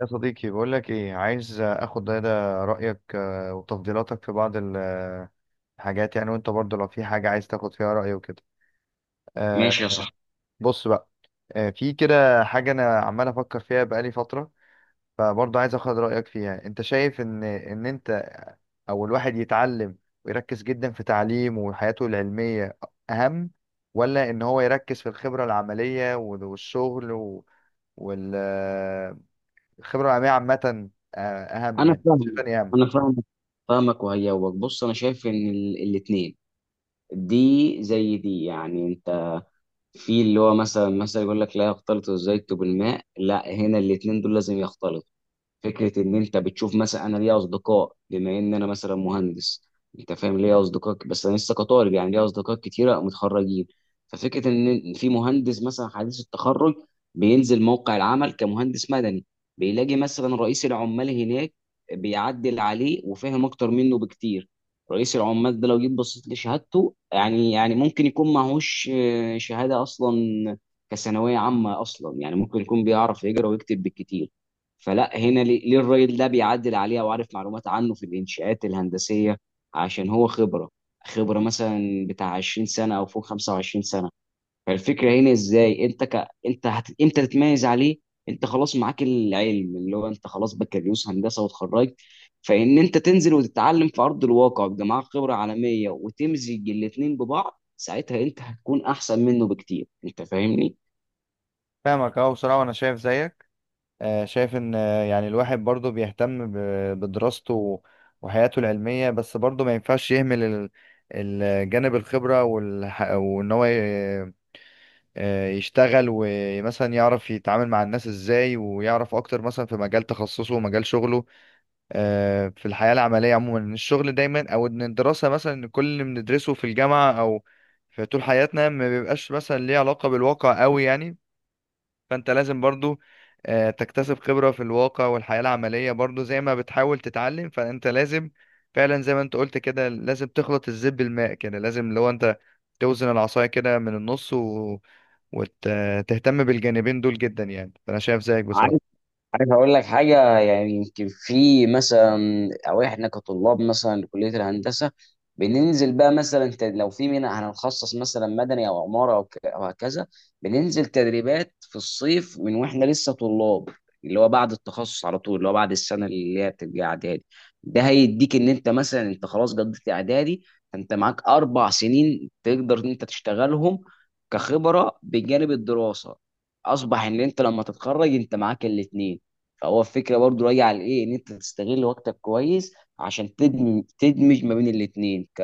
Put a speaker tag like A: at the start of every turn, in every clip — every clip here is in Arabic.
A: يا صديقي بقول لك ايه. عايز اخد ده رايك، وتفضيلاتك في بعض الحاجات يعني. وانت برضو لو في حاجه عايز تاخد فيها راي وكده.
B: ماشي يا
A: آه،
B: صاحبي.
A: بص بقى. في كده حاجه انا عمال افكر فيها بقالي فتره، فبرضو عايز اخد رايك فيها. انت شايف ان انت او الواحد يتعلم ويركز جدا في تعليمه وحياته العلميه اهم، ولا ان هو يركز في الخبره العمليه والشغل والخبره العمليه عامه؟ آه، اهم،
B: انا
A: يعني شايف
B: فاهمك
A: اني اهم.
B: انا فاهمك. وهيوك، بص، انا شايف ان الاتنين دي زي دي، يعني انت في اللي هو مثلا يقول لك لا يختلط الزيت بالماء، لا، هنا الاتنين دول لازم يختلطوا. فكره ان انت بتشوف، مثلا انا ليا اصدقاء، بما ان انا مثلا مهندس، انت فاهم، ليا اصدقاء، بس انا لسه كطالب، يعني ليا اصدقاء كتيره متخرجين. ففكره ان في مهندس مثلا حديث التخرج، بينزل موقع العمل كمهندس مدني، بيلاقي مثلا رئيس العمال هناك بيعدل عليه وفاهم اكتر منه بكتير. رئيس العمال ده لو جيت بصيت لشهادته، يعني ممكن يكون معهوش شهاده اصلا، كثانويه عامه اصلا، يعني ممكن يكون بيعرف يقرا ويكتب بالكتير. فلا، هنا ليه الراجل ده بيعدل عليها وعارف معلومات عنه في الانشاءات الهندسيه؟ عشان هو خبره مثلا بتاع 20 سنه او فوق 25 سنه. فالفكره هنا ازاي انت امتى تتميز عليه؟ انت خلاص معاك العلم، اللي هو انت خلاص بكالوريوس هندسه واتخرجت، فان انت تنزل وتتعلم في ارض الواقع، بيبقى معاك خبره عالميه، وتمزج الاتنين ببعض، ساعتها انت هتكون احسن منه بكتير. انت فاهمني؟
A: فاهمك، اه، بصراحة، وانا شايف زيك. شايف ان، يعني الواحد برضه بيهتم بدراسته وحياته العلمية، بس برضه ما ينفعش يهمل الجانب الخبرة وان هو يشتغل ومثلا يعرف يتعامل مع الناس ازاي، ويعرف اكتر مثلا في مجال تخصصه ومجال شغله. في الحياة العملية عموما، ان الشغل دايما، او ان الدراسة مثلا، إن كل اللي بندرسه في الجامعة او في طول حياتنا ما بيبقاش مثلا ليه علاقة بالواقع قوي يعني. فانت لازم برضو تكتسب خبرة في الواقع والحياة العملية، برضو زي ما بتحاول تتعلم فانت لازم فعلا، زي ما انت قلت كده، لازم تخلط الزب بالماء كده. لازم لو انت توزن العصاية كده من النص وتهتم بالجانبين دول جدا يعني. فانا شايف زيك بصراحة.
B: عارف اقول لك حاجه، يعني يمكن في مثلا، او احنا كطلاب مثلا لكليه الهندسه، بننزل بقى مثلا لو في منها هنخصص مثلا مدني او عماره او أو هكذا، بننزل تدريبات في الصيف من واحنا لسه طلاب، اللي هو بعد التخصص على طول، اللي هو بعد السنه اللي هي بتبقى اعدادي. ده هيديك ان انت مثلا انت خلاص قضيت اعدادي، انت معاك اربع سنين تقدر ان انت تشتغلهم كخبره بجانب الدراسه. اصبح ان انت لما تتخرج انت معاك الاثنين. فهو الفكره برضو راجع لايه، ان انت تستغل وقتك كويس عشان تدمج، ما بين الاثنين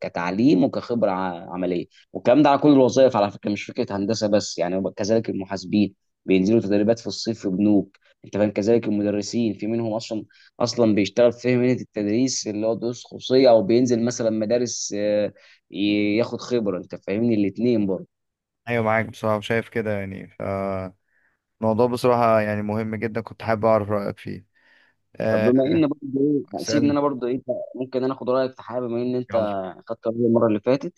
B: كتعليم وكخبره عمليه. والكلام ده على كل الوظائف على فكره، مش فكره هندسه بس، يعني كذلك المحاسبين بينزلوا تدريبات في الصيف في بنوك، انت فاهم، كذلك المدرسين في منهم اصلا اصلا بيشتغل في مهنه التدريس اللي هو دروس خصوصيه، او بينزل مثلا مدارس، ياخد خبره. انت فاهمني؟ الاثنين برضه.
A: ايوه، معاك بصراحة، شايف كده يعني. فالموضوع بصراحة يعني مهم جدا، كنت حابب اعرف رأيك فيه.
B: طب بما
A: آه،
B: ان برضه ايه، يعني سيبني
A: اسألني،
B: انا برضه ايه، ممكن انا اخد رايك في حاجه بما ان انت
A: يلا.
B: خدت رايي المره اللي فاتت؟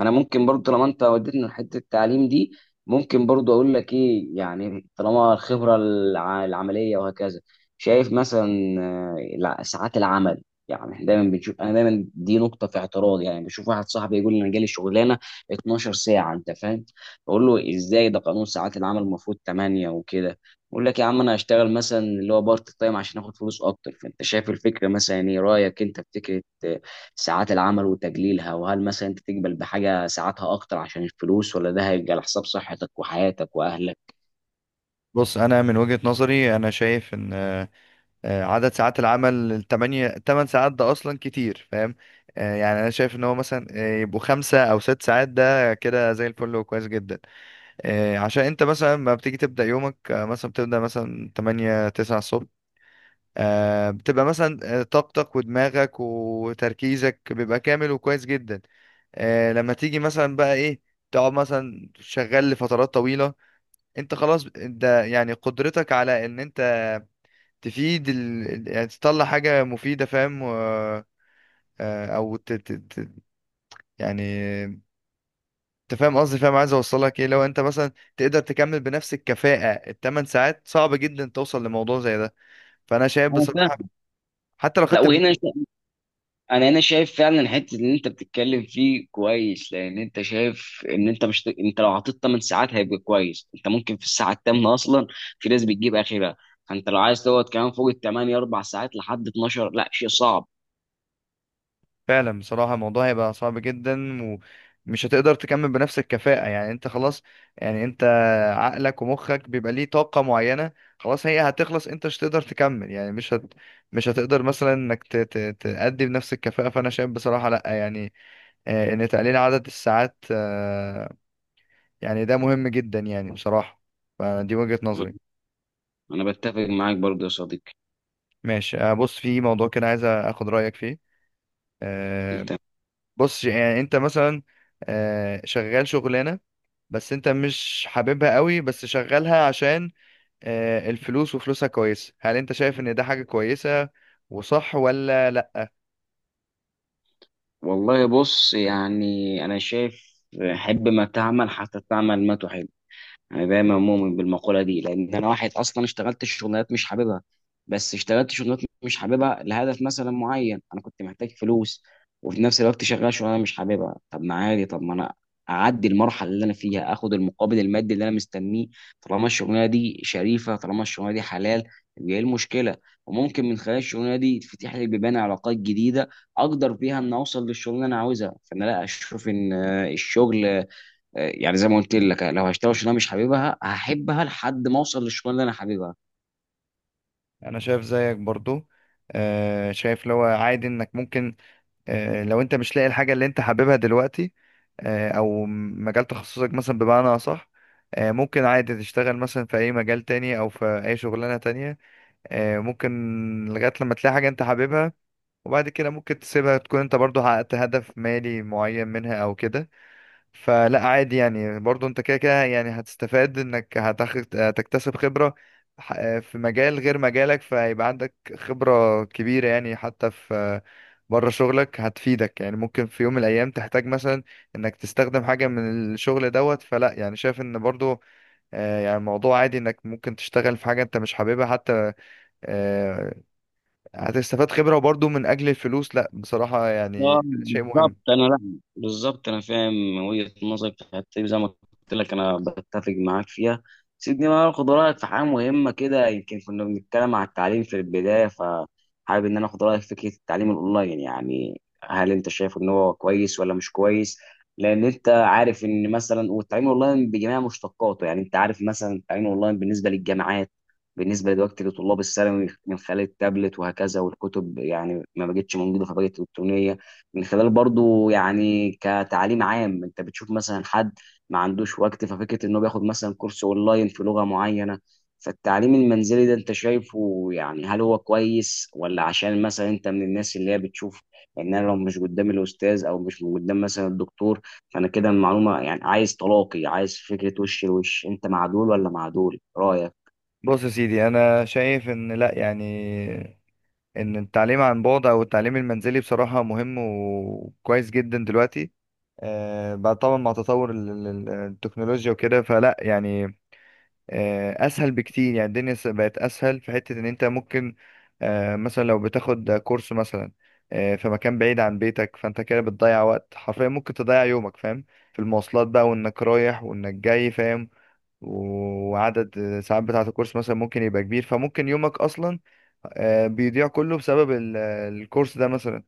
B: انا ممكن برضه طالما انت وديتني لحته التعليم دي، ممكن برضه اقول لك ايه، يعني طالما الخبره العمليه وهكذا، شايف مثلا ساعات العمل، يعني احنا دايما بنشوف، انا دايما دي نقطه في اعتراض، يعني بشوف واحد صاحبي يقول لي انا جالي شغلانه 12 ساعه، انت فاهم؟ اقول له ازاي؟ ده قانون ساعات العمل المفروض 8 وكده. بقول لك يا عم انا هشتغل مثلا اللي هو بارت تايم عشان اخد فلوس اكتر. فانت شايف الفكره مثلا؟ ايه رايك انت في فكره ساعات العمل وتقليلها؟ وهل مثلا انت تقبل بحاجه ساعاتها اكتر عشان الفلوس، ولا ده هيبقى على حساب صحتك وحياتك واهلك؟
A: بص، انا من وجهة نظري انا شايف ان عدد ساعات العمل التمانية، تمن ساعات، ده أصلا كتير، فاهم. يعني أنا شايف إن هو مثلا يبقوا خمسة أو ست ساعات، ده كده زي الفل وكويس جدا. عشان أنت مثلا ما بتيجي تبدأ يومك، مثلا بتبدأ مثلا تمانية تسعة الصبح، بتبقى مثلا طاقتك ودماغك وتركيزك بيبقى كامل وكويس جدا. لما تيجي مثلا بقى ايه، تقعد مثلا شغال لفترات طويلة، انت خلاص، انت يعني قدرتك على ان انت تفيد يعني تطلع حاجة مفيدة، فاهم، او يعني انت فاهم قصدي، فاهم عايز اوصلك ايه. لو انت مثلا تقدر تكمل بنفس الكفاءة الثمان ساعات، صعب جدا توصل لموضوع زي ده. فانا شايف
B: انا
A: بصراحة،
B: فاهم.
A: حتى لو
B: لا،
A: خدت،
B: وهنا انا هنا شايف فعلا حته اللي انت بتتكلم فيه كويس، لان انت شايف ان انت مش، انت لو عطيت 8 ساعات هيبقى كويس، انت ممكن في الساعه الثامنه اصلا، في ناس بتجيب اخرها. فانت لو عايز تقعد كمان فوق الثمانية اربع ساعات لحد 12، لا، شيء صعب.
A: فعلا بصراحة الموضوع هيبقى صعب جدا، ومش هتقدر تكمل بنفس الكفاءة يعني. انت خلاص، يعني انت عقلك ومخك بيبقى ليه طاقة معينة، خلاص هي هتخلص، انت مش هتقدر تكمل يعني، مش هتقدر مثلا انك تأدي بنفس الكفاءة. فانا شايف بصراحة لا، يعني ان تقليل عدد الساعات، يعني ده مهم جدا يعني بصراحة. فدي وجهة نظري.
B: انا بتفق معاك برضه يا صديقي.
A: ماشي. بص، في موضوع كده عايز اخد رأيك فيه. آه،
B: انت
A: بص، يعني انت مثلا شغال شغلانة بس انت مش حاببها قوي، بس شغالها عشان الفلوس وفلوسها كويسة. هل انت شايف ان ده حاجة كويسة وصح، ولا لا؟
B: والله، بص يعني انا شايف، حب ما تعمل حتى تعمل ما تحب. انا دايما مؤمن بالمقوله دي، لان انا واحد اصلا اشتغلت شغلانات مش حاببها، بس اشتغلت شغلانات مش حاببها لهدف مثلا معين، انا كنت محتاج فلوس، وفي نفس الوقت شغال شغلانه مش حاببها. طب ما عادي، طب ما انا اعدي المرحله اللي انا فيها، اخد المقابل المادي اللي انا مستنيه. طالما الشغلانه دي شريفه، طالما الشغلانه دي حلال، يبقى ايه المشكله؟ وممكن من خلال الشغلانه دي تفتح لي بيبان علاقات جديده اقدر بيها ان اوصل للشغلانه اللي انا عاوزها. فانا لا اشوف ان الشغل، يعني زي ما قلت لك، لو هشتغل شغلانه مش حاببها هحبها لحد ما اوصل للشغلانه اللي انا حاببها.
A: انا شايف زيك برضو. شايف لو عادي انك ممكن، لو انت مش لاقي الحاجة اللي انت حاببها دلوقتي، او مجال تخصصك مثلا بمعنى اصح، ممكن عادي تشتغل مثلا في اي مجال تاني او في اي شغلانة تانية. ممكن لغاية لما تلاقي حاجة انت حاببها، وبعد كده ممكن تسيبها، تكون انت برضو حققت هدف مالي معين منها او كده. فلا عادي يعني، برضو انت كده كده يعني هتستفاد، انك هتاخد تكتسب خبرة في مجال غير مجالك، فهيبقى عندك خبرة كبيرة يعني، حتى في بره شغلك هتفيدك يعني، ممكن في يوم من الايام تحتاج مثلا انك تستخدم حاجة من الشغل دوت. فلا يعني شايف ان برضو يعني الموضوع عادي انك ممكن تشتغل في حاجة انت مش حاببها. حتى آه، هتستفاد خبرة، وبرضو من اجل الفلوس، لا بصراحة
B: اه،
A: يعني شيء
B: بالظبط،
A: مهم.
B: انا لا، بالظبط انا فاهم وجهه نظرك في الحته دي، زي ما قلت لك انا بتفق معاك فيها. سيبني بقى اخد رايك في حاجه مهمه كده. يمكن كنا بنتكلم على التعليم في البدايه، فحابب ان انا اخد رايك في فكره التعليم الاونلاين، يعني هل انت شايف ان هو كويس ولا مش كويس؟ لان انت عارف ان مثلا، والتعليم الاونلاين بجميع مشتقاته يعني، انت عارف مثلا التعليم الاونلاين بالنسبه للجامعات، بالنسبه دلوقتي لطلاب الثانوي من خلال التابلت وهكذا، والكتب يعني ما بقتش موجوده فبقت الكترونيه، من خلال برضو يعني كتعليم عام، انت بتشوف مثلا حد ما عندوش وقت، ففكره انه بياخد مثلا كورس اونلاين في لغه معينه. فالتعليم المنزلي ده انت شايفه يعني هل هو كويس؟ ولا عشان مثلا انت من الناس اللي هي بتشوف ان انا لو مش قدام الاستاذ او مش قدام مثلا الدكتور فانا كده المعلومه، يعني عايز تلاقي، عايز فكره، وش لوش، انت مع دول ولا مع دول؟ رايك؟
A: بص يا سيدي، انا شايف ان لا يعني، ان التعليم عن بعد او التعليم المنزلي بصراحة مهم وكويس جدا دلوقتي. بعد طبعا مع تطور التكنولوجيا وكده، فلا يعني اسهل بكتير. يعني الدنيا بقت اسهل في حتة ان انت ممكن، مثلا لو بتاخد كورس مثلا في مكان بعيد عن بيتك، فانت كده بتضيع وقت حرفيا، ممكن تضيع يومك، فاهم، في المواصلات بقى وانك رايح وانك جاي، فاهم. وعدد الساعات بتاعة الكورس مثلا ممكن يبقى كبير، فممكن يومك أصلا بيضيع كله بسبب الكورس ده مثلا.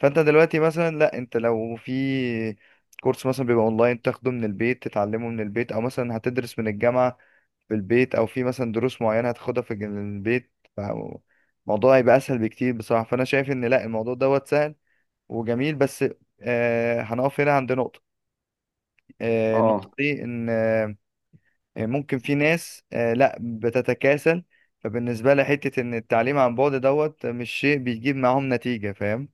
A: فأنت دلوقتي مثلا لا، أنت لو في كورس مثلا بيبقى أونلاين تاخده من البيت، تتعلمه من البيت، أو مثلا هتدرس من الجامعة في البيت، أو في مثلا دروس معينة هتاخدها في البيت، فالموضوع يبقى أسهل بكتير بصراحة. فأنا شايف إن لا، الموضوع دوت سهل وجميل. بس هنقف هنا عند نقطة. النقطة
B: اه،
A: دي إن ممكن في ناس لا بتتكاسل، فبالنسبة لها حتة ان التعليم عن بعد دوت مش شيء بيجيب معاهم نتيجة، فاهم.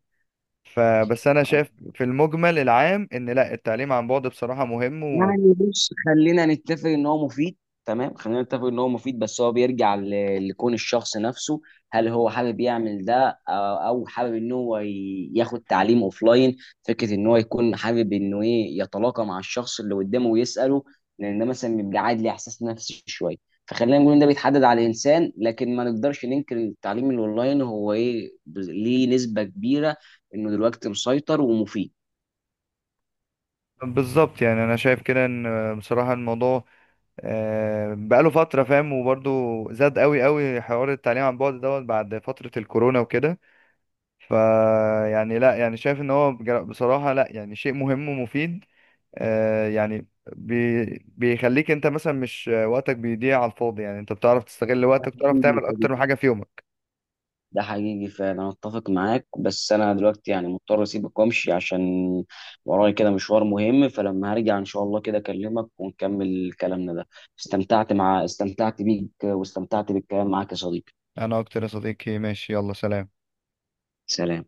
A: فبس انا شايف في المجمل العام ان لا، التعليم عن بعد بصراحة مهم
B: يعني بص، خلينا نتفق ان هو مفيد، تمام، خلينا نتفق ان هو مفيد، بس هو بيرجع لكون الشخص نفسه، هل هو حابب يعمل ده او حابب ان هو ياخد تعليم اوفلاين. فكره ان هو يكون حابب انه ايه، يتلاقى مع الشخص اللي قدامه ويساله، لان ده مثلا بيبقى قاعد ليه احساس نفسي شويه. فخلينا نقول ان ده بيتحدد على الانسان، لكن ما نقدرش ننكر إن التعليم الاونلاين هو ايه ليه نسبه كبيره انه دلوقتي مسيطر
A: بالظبط. يعني انا شايف كده ان بصراحة الموضوع بقاله فترة، فاهم، وبرضه زاد قوي قوي حوار التعليم عن بعد دوت بعد فترة الكورونا وكده. ف يعني لا، يعني شايف ان هو بصراحة لا يعني شيء مهم ومفيد. يعني بيخليك انت مثلا، مش وقتك بيضيع على الفاضي يعني، انت بتعرف تستغل وقتك وتعرف تعمل اكتر من
B: ومفيد.
A: حاجة في يومك.
B: ده حقيقي فعلا، انا اتفق معاك. بس انا دلوقتي يعني مضطر اسيبك وامشي عشان ورايا كده مشوار مهم. فلما هرجع ان شاء الله كده اكلمك ونكمل كلامنا ده. استمتعت بيك واستمتعت بالكلام معاك يا صديقي.
A: انا اكتر يا صديقي، ماشي، يلا، سلام.
B: سلام.